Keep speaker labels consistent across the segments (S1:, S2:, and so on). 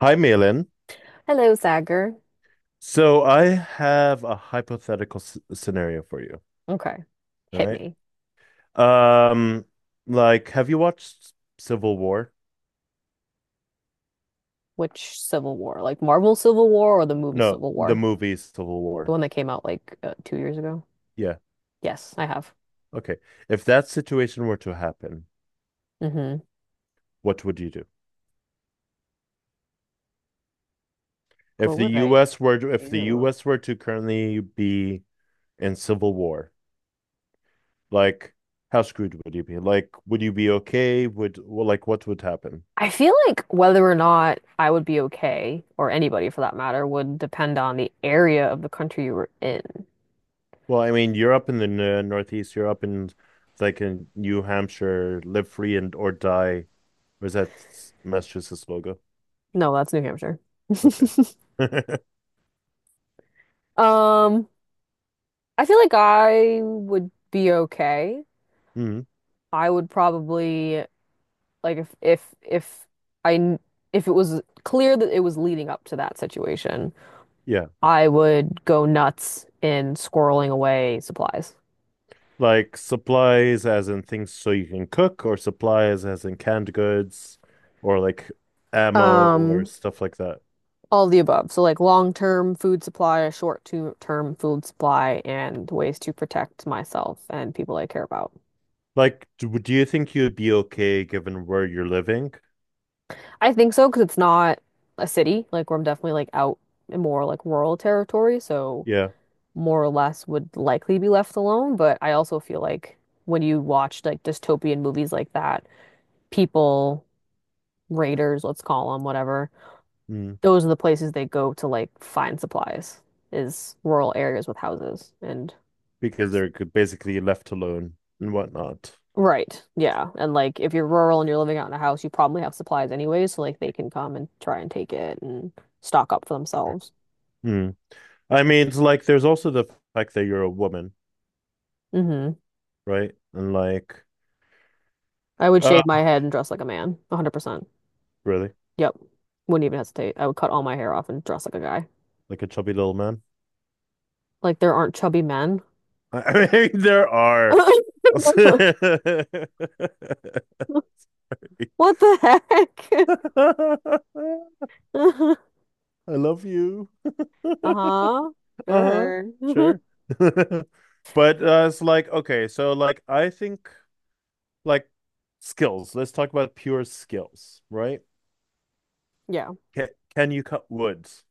S1: Hi, Malin.
S2: Hello, Sagar.
S1: So I have a hypothetical s scenario for you.
S2: Okay.
S1: All
S2: Hit me.
S1: right. Um, have you watched Civil War?
S2: Which Civil War? Like Marvel Civil War or the movie
S1: No,
S2: Civil
S1: the
S2: War?
S1: movie Civil
S2: The
S1: War.
S2: one that came out like 2 years ago?
S1: Yeah.
S2: Yes, I have.
S1: Okay. If that situation were to happen,
S2: Mm-hmm.
S1: what would you do? If
S2: What
S1: the
S2: would I
S1: US were to, if the
S2: do?
S1: US were to currently be in civil war, like, how screwed would you be? Like, would you be okay? Like, what would happen?
S2: I feel like whether or not I would be okay, or anybody for that matter, would depend on the area of the country you were in.
S1: Well, I mean, you're up in the Northeast. You're up in like in New Hampshire. Live free and or die. Or is that Massachusetts logo?
S2: No, that's New Hampshire.
S1: Okay.
S2: Um, I feel like I would be okay.
S1: hmm
S2: I would probably. Like if I kn- if it was clear that it was leading up to that situation,
S1: Yeah.
S2: I would go nuts in squirreling away supplies.
S1: Like supplies as in things so you can cook, or supplies as in canned goods, or like ammo or
S2: Um,
S1: stuff like that.
S2: all the above. So like long-term food supply, a short-term food supply, and ways to protect myself and people I care about.
S1: Like, do you think you'd be okay given where you're living?
S2: I think so because it's not a city. Like where I'm definitely like out in more like rural territory, so
S1: Yeah.
S2: more or less would likely be left alone. But I also feel like when you watch like dystopian movies like that, people, raiders, let's call them, whatever,
S1: Mm.
S2: those are the places they go to like find supplies, is rural areas with houses. And
S1: Because they're basically left alone and whatnot.
S2: right, yeah. And like if you're rural and you're living out in a house, you probably have supplies anyway, so like they can come and try and take it and stock up for themselves.
S1: Mm. I mean, it's like there's also the fact that you're a woman,
S2: Hmm.
S1: right? And like,
S2: I would
S1: uh,
S2: shave my head and dress like a man, 100%.
S1: really,
S2: Yep. Wouldn't even hesitate. I would cut all my hair off and dress like a guy.
S1: like a chubby little man.
S2: Like there aren't chubby men.
S1: I mean, there are. I
S2: What the heck?
S1: love you.
S2: Uh-huh.
S1: Uh-huh.
S2: Sure.
S1: Sure. But it's like, okay, so like I think like skills. Let's talk about pure skills, right?
S2: Yeah.
S1: Can, can you cut woods?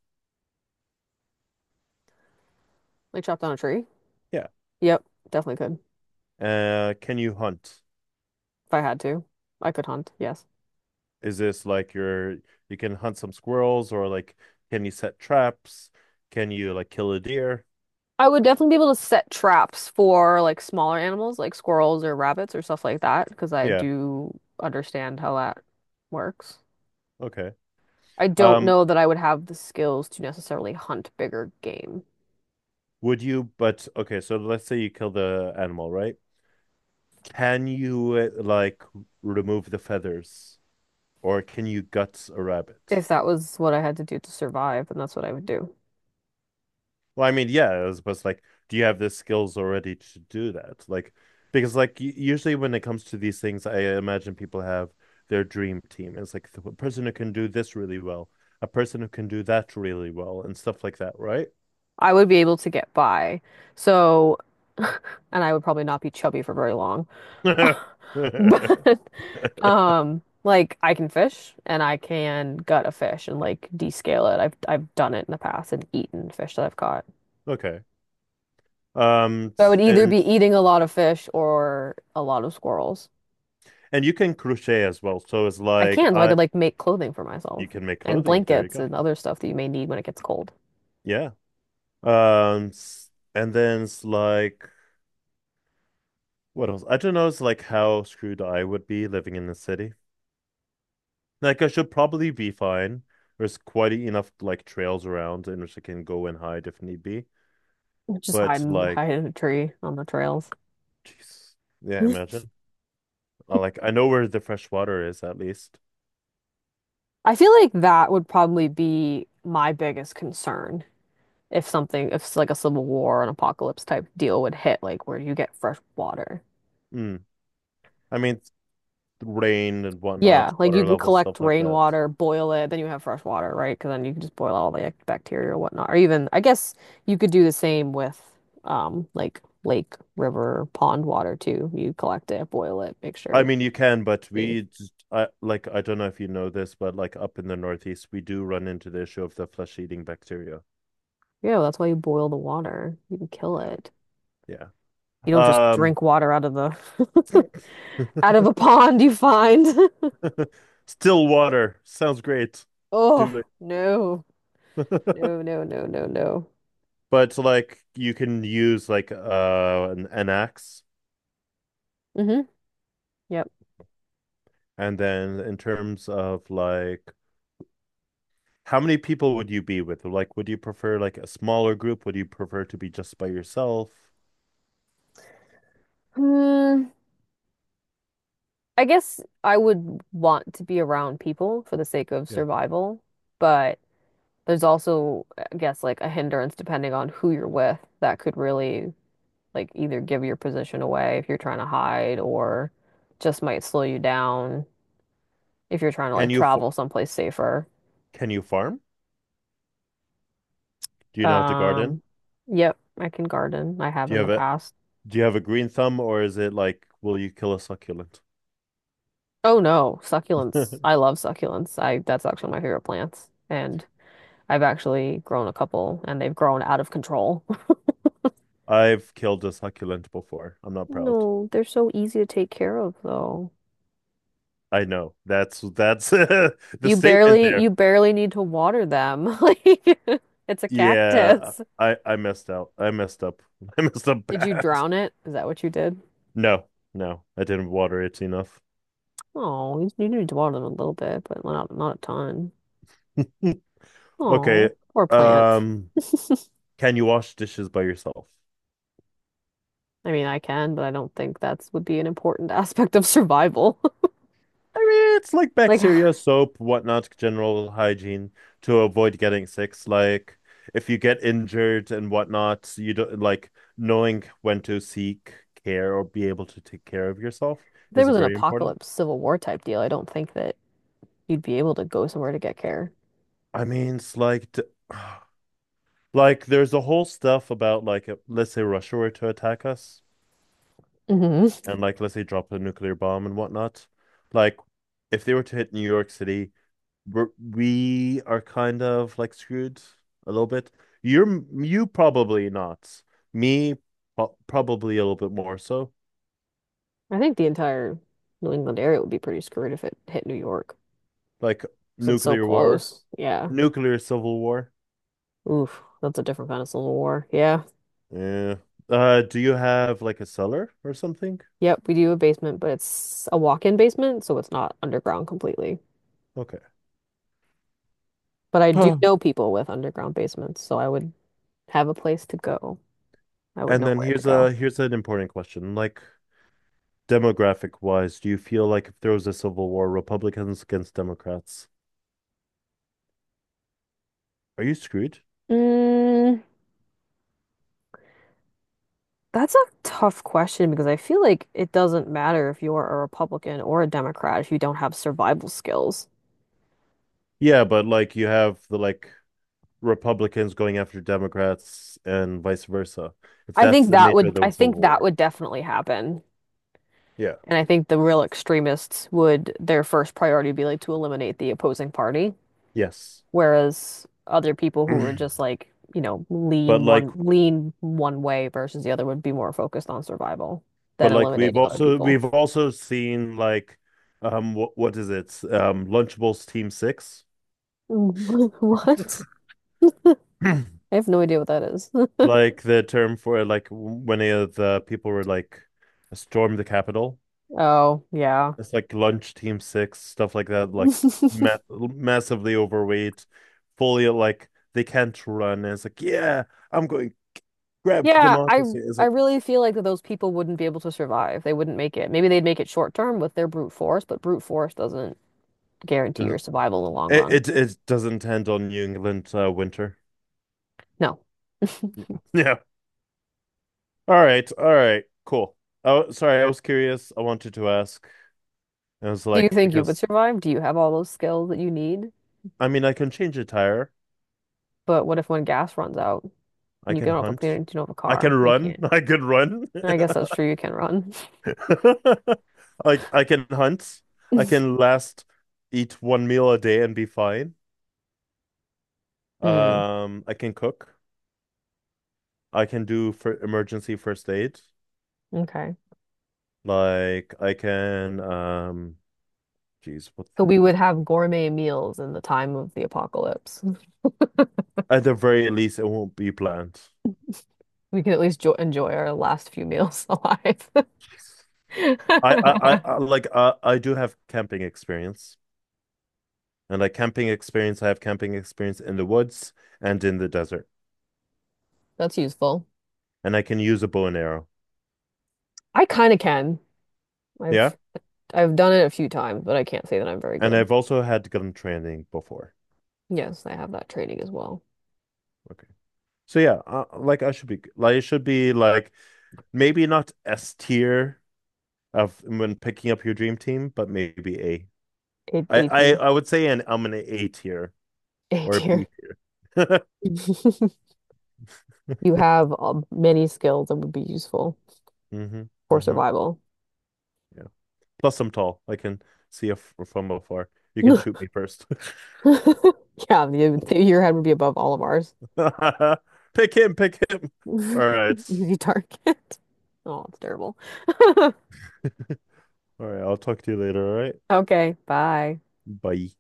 S2: Like chop down a tree.
S1: Yeah.
S2: Yep, definitely could.
S1: Can you hunt?
S2: If I had to. I could hunt, yes.
S1: Is this like your you can hunt some squirrels or like can you set traps? Can you like kill a deer?
S2: I would definitely be able to set traps for like smaller animals like squirrels or rabbits or stuff like that because I
S1: Yeah,
S2: do understand how that works.
S1: okay.
S2: I don't
S1: Um,
S2: know that I would have the skills to necessarily hunt bigger game.
S1: would you but okay, so let's say you kill the animal, right? Can you like remove the feathers or can you guts a rabbit?
S2: If that was what I had to do to survive, then that's what I would do.
S1: Well, I mean, yeah, as opposed to like, do you have the skills already to do that? Like, because like usually when it comes to these things, I imagine people have their dream team. It's like the person who can do this really well, a person who can do that really well, and stuff like that, right?
S2: I would be able to get by. So, and I would probably not be chubby for very long. But like I can fish and I can gut a fish and like descale it. I've done it in the past and eaten fish that I've caught.
S1: Okay.
S2: So I would either be
S1: And
S2: eating a lot of fish or a lot of squirrels.
S1: you can crochet as well. So it's
S2: I
S1: like
S2: can, so I
S1: I
S2: could like make clothing for
S1: you
S2: myself
S1: can make
S2: and
S1: clothing. There you
S2: blankets
S1: go.
S2: and other stuff that you may need when it gets cold.
S1: Yeah. Um, s- and then it's like what else? I don't know. It's like how screwed I would be living in the city. Like I should probably be fine. There's quite enough like trails around in which I can go and hide if need be.
S2: Just
S1: But like,
S2: hide in a tree on the
S1: oh,
S2: trails.
S1: jeez, yeah, imagine. I, like I know where the fresh water is at least.
S2: I feel like that would probably be my biggest concern if something, if like a civil war, an apocalypse type deal would hit, like where do you get fresh water?
S1: Mm. I mean, it's rain and
S2: Yeah,
S1: whatnot,
S2: like you
S1: water
S2: can
S1: levels,
S2: collect
S1: stuff like that.
S2: rainwater, boil it, then you have fresh water, right? Because then you can just boil all the like, bacteria or whatnot. Or even, I guess you could do the same with like lake, river, pond water too. You collect it, boil it, make sure
S1: I
S2: it's
S1: mean, you can, but
S2: safe.
S1: we just, I like I don't know if you know this, but like up in the Northeast, we do run into the issue of the flesh-eating bacteria.
S2: Yeah, that's why you boil the water. You can kill
S1: Yeah,
S2: it.
S1: yeah.
S2: You don't just
S1: Um,
S2: drink water out of the out of a pond you find.
S1: still water sounds great. Do
S2: Oh, no.
S1: it.
S2: No, no, no, no, no.
S1: But like you can use like an axe
S2: Mm-hmm. Yep.
S1: and then in terms of like how many people would you be with? Like would you prefer like a smaller group? Would you prefer to be just by yourself?
S2: Hmm. I guess I would want to be around people for the sake of
S1: Yeah.
S2: survival, but there's also, I guess, like a hindrance depending on who you're with that could really like either give your position away if you're trying to hide or just might slow you down if you're trying to
S1: Can
S2: like
S1: you
S2: travel someplace safer.
S1: can you farm? Do you know how to garden?
S2: Um, yep, I can garden. I have
S1: Do you
S2: in the
S1: have a
S2: past.
S1: do you have a green thumb or is it like will you kill a succulent?
S2: Oh no, succulents. I love succulents. I that's actually my favorite plants. And I've actually grown a couple and they've grown out of control.
S1: I've killed a succulent before. I'm not proud.
S2: No, they're so easy to take care of though.
S1: I know. That's the
S2: You
S1: statement
S2: barely you
S1: there.
S2: barely need to water them. Like it's a
S1: Yeah,
S2: cactus.
S1: I messed out. I messed up. I messed up
S2: Did you
S1: bad.
S2: drown it? Is that what you did?
S1: No, no, I didn't water it enough.
S2: Oh, you need to water them a little bit, but not not a ton.
S1: Okay.
S2: Oh, or plant.
S1: Um, can you wash dishes by yourself?
S2: I mean, I can, but I don't think that's would be an important aspect of survival.
S1: I mean, it's like
S2: Like if
S1: bacteria, soap, whatnot, general hygiene to avoid getting sick. Like, if you get injured and whatnot, you don't like knowing when to seek care or be able to take care of yourself
S2: there
S1: is
S2: was an
S1: very important.
S2: apocalypse Civil War type deal, I don't think that you'd be able to go somewhere to get care.
S1: I mean, it's like, like, there's a whole stuff about like, let's say Russia were to attack us,
S2: Hmm.
S1: and like, let's say drop a nuclear bomb and whatnot. Like, if they were to hit New York City, we are kind of like screwed a little bit. You're you probably not. Me, probably a little bit more so.
S2: I think the entire New England area would be pretty screwed if it hit New York.
S1: Like
S2: 'Cause it's so
S1: nuclear war,
S2: close. Yeah.
S1: nuclear civil war.
S2: Oof, that's a different kind of Civil War. Yeah.
S1: Yeah. Do you have like a cellar or something?
S2: Yep, we do a basement, but it's a walk-in basement, so it's not underground completely.
S1: Okay.
S2: But I do know people with underground basements, so I would have a place to go. I would
S1: And
S2: know
S1: then
S2: where to
S1: here's
S2: go.
S1: a here's an important question. Like, demographic wise, do you feel like if there was a civil war, Republicans against Democrats, are you screwed?
S2: Mm, that's a tough question because I feel like it doesn't matter if you're a Republican or a Democrat if you don't have survival skills.
S1: Yeah, but like you have the like Republicans going after Democrats and vice versa. If
S2: I
S1: that's
S2: think
S1: the
S2: that
S1: nature of
S2: would
S1: the
S2: I
S1: civil
S2: think that
S1: war.
S2: would definitely happen.
S1: Yeah.
S2: And I think the real extremists would, their first priority would be like to eliminate the opposing party,
S1: Yes.
S2: whereas other people who are just like, you know, lean
S1: But like
S2: one lean one way versus the other would be more focused on survival than
S1: but like we've
S2: eliminating other
S1: also
S2: people.
S1: we've also seen like what is it? Um, Lunchables Team Six.
S2: What? I have no idea what that is.
S1: Like the term for like when the people were like storm the Capitol.
S2: Oh, yeah.
S1: It's like lunch team six, stuff like that, like ma massively overweight, fully like they can't run. And it's like, yeah, I'm going grab
S2: Yeah, I
S1: democracy. It's
S2: I
S1: like
S2: really feel like that those people wouldn't be able to survive. They wouldn't make it. Maybe they'd make it short term with their brute force, but brute force doesn't guarantee
S1: does
S2: your survival in the long run.
S1: it, it doesn't end on New England winter.
S2: No.
S1: Yeah. Yeah. All right. All right. Cool. Oh, sorry. I was curious. I wanted to ask. I was
S2: Do you
S1: like,
S2: think you would
S1: because
S2: survive? Do you have all those skills that you need?
S1: I mean, I can change a tire.
S2: But what if when gas runs out
S1: I
S2: and you
S1: can
S2: don't have a
S1: hunt.
S2: cleaner, you don't have a
S1: I can
S2: car? You
S1: run.
S2: can't.
S1: I can run.
S2: I guess that's true. You can run.
S1: Like I can hunt. I can last eat one meal a day and be fine.
S2: Hmm.
S1: I can cook. I can do for emergency first aid.
S2: Okay.
S1: Like I can geez, what
S2: So we would have gourmet meals in the time of the apocalypse.
S1: at the very least it won't be planned.
S2: We can at least jo enjoy our last few meals alive.
S1: I I, I, I like I do have camping experience. And like camping experience, I have camping experience in the woods and in the desert.
S2: That's useful.
S1: And I can use a bow and arrow.
S2: I kind of can.
S1: Yeah.
S2: I've I've done it a few times, but I can't say that I'm very
S1: And
S2: good.
S1: I've also had gun training before.
S2: Yes, I have that training as well.
S1: Okay. So yeah, like I should be like it should be like maybe not S tier of when picking up your dream team, but maybe A.
S2: A team.
S1: I would say an I'm an A tier
S2: A
S1: or a B
S2: tier.
S1: tier.
S2: You have many skills that would be useful
S1: Mm-hmm.
S2: for
S1: Mm-hmm.
S2: survival.
S1: Yeah. Plus I'm tall. I can see if from afar. You can shoot me first.
S2: Yeah, the- your head would be above all of ours.
S1: Pick him, pick him. All right.
S2: Easy target. Oh, it's terrible.
S1: All right, I'll talk to you later, all right?
S2: Okay, bye.
S1: Bye.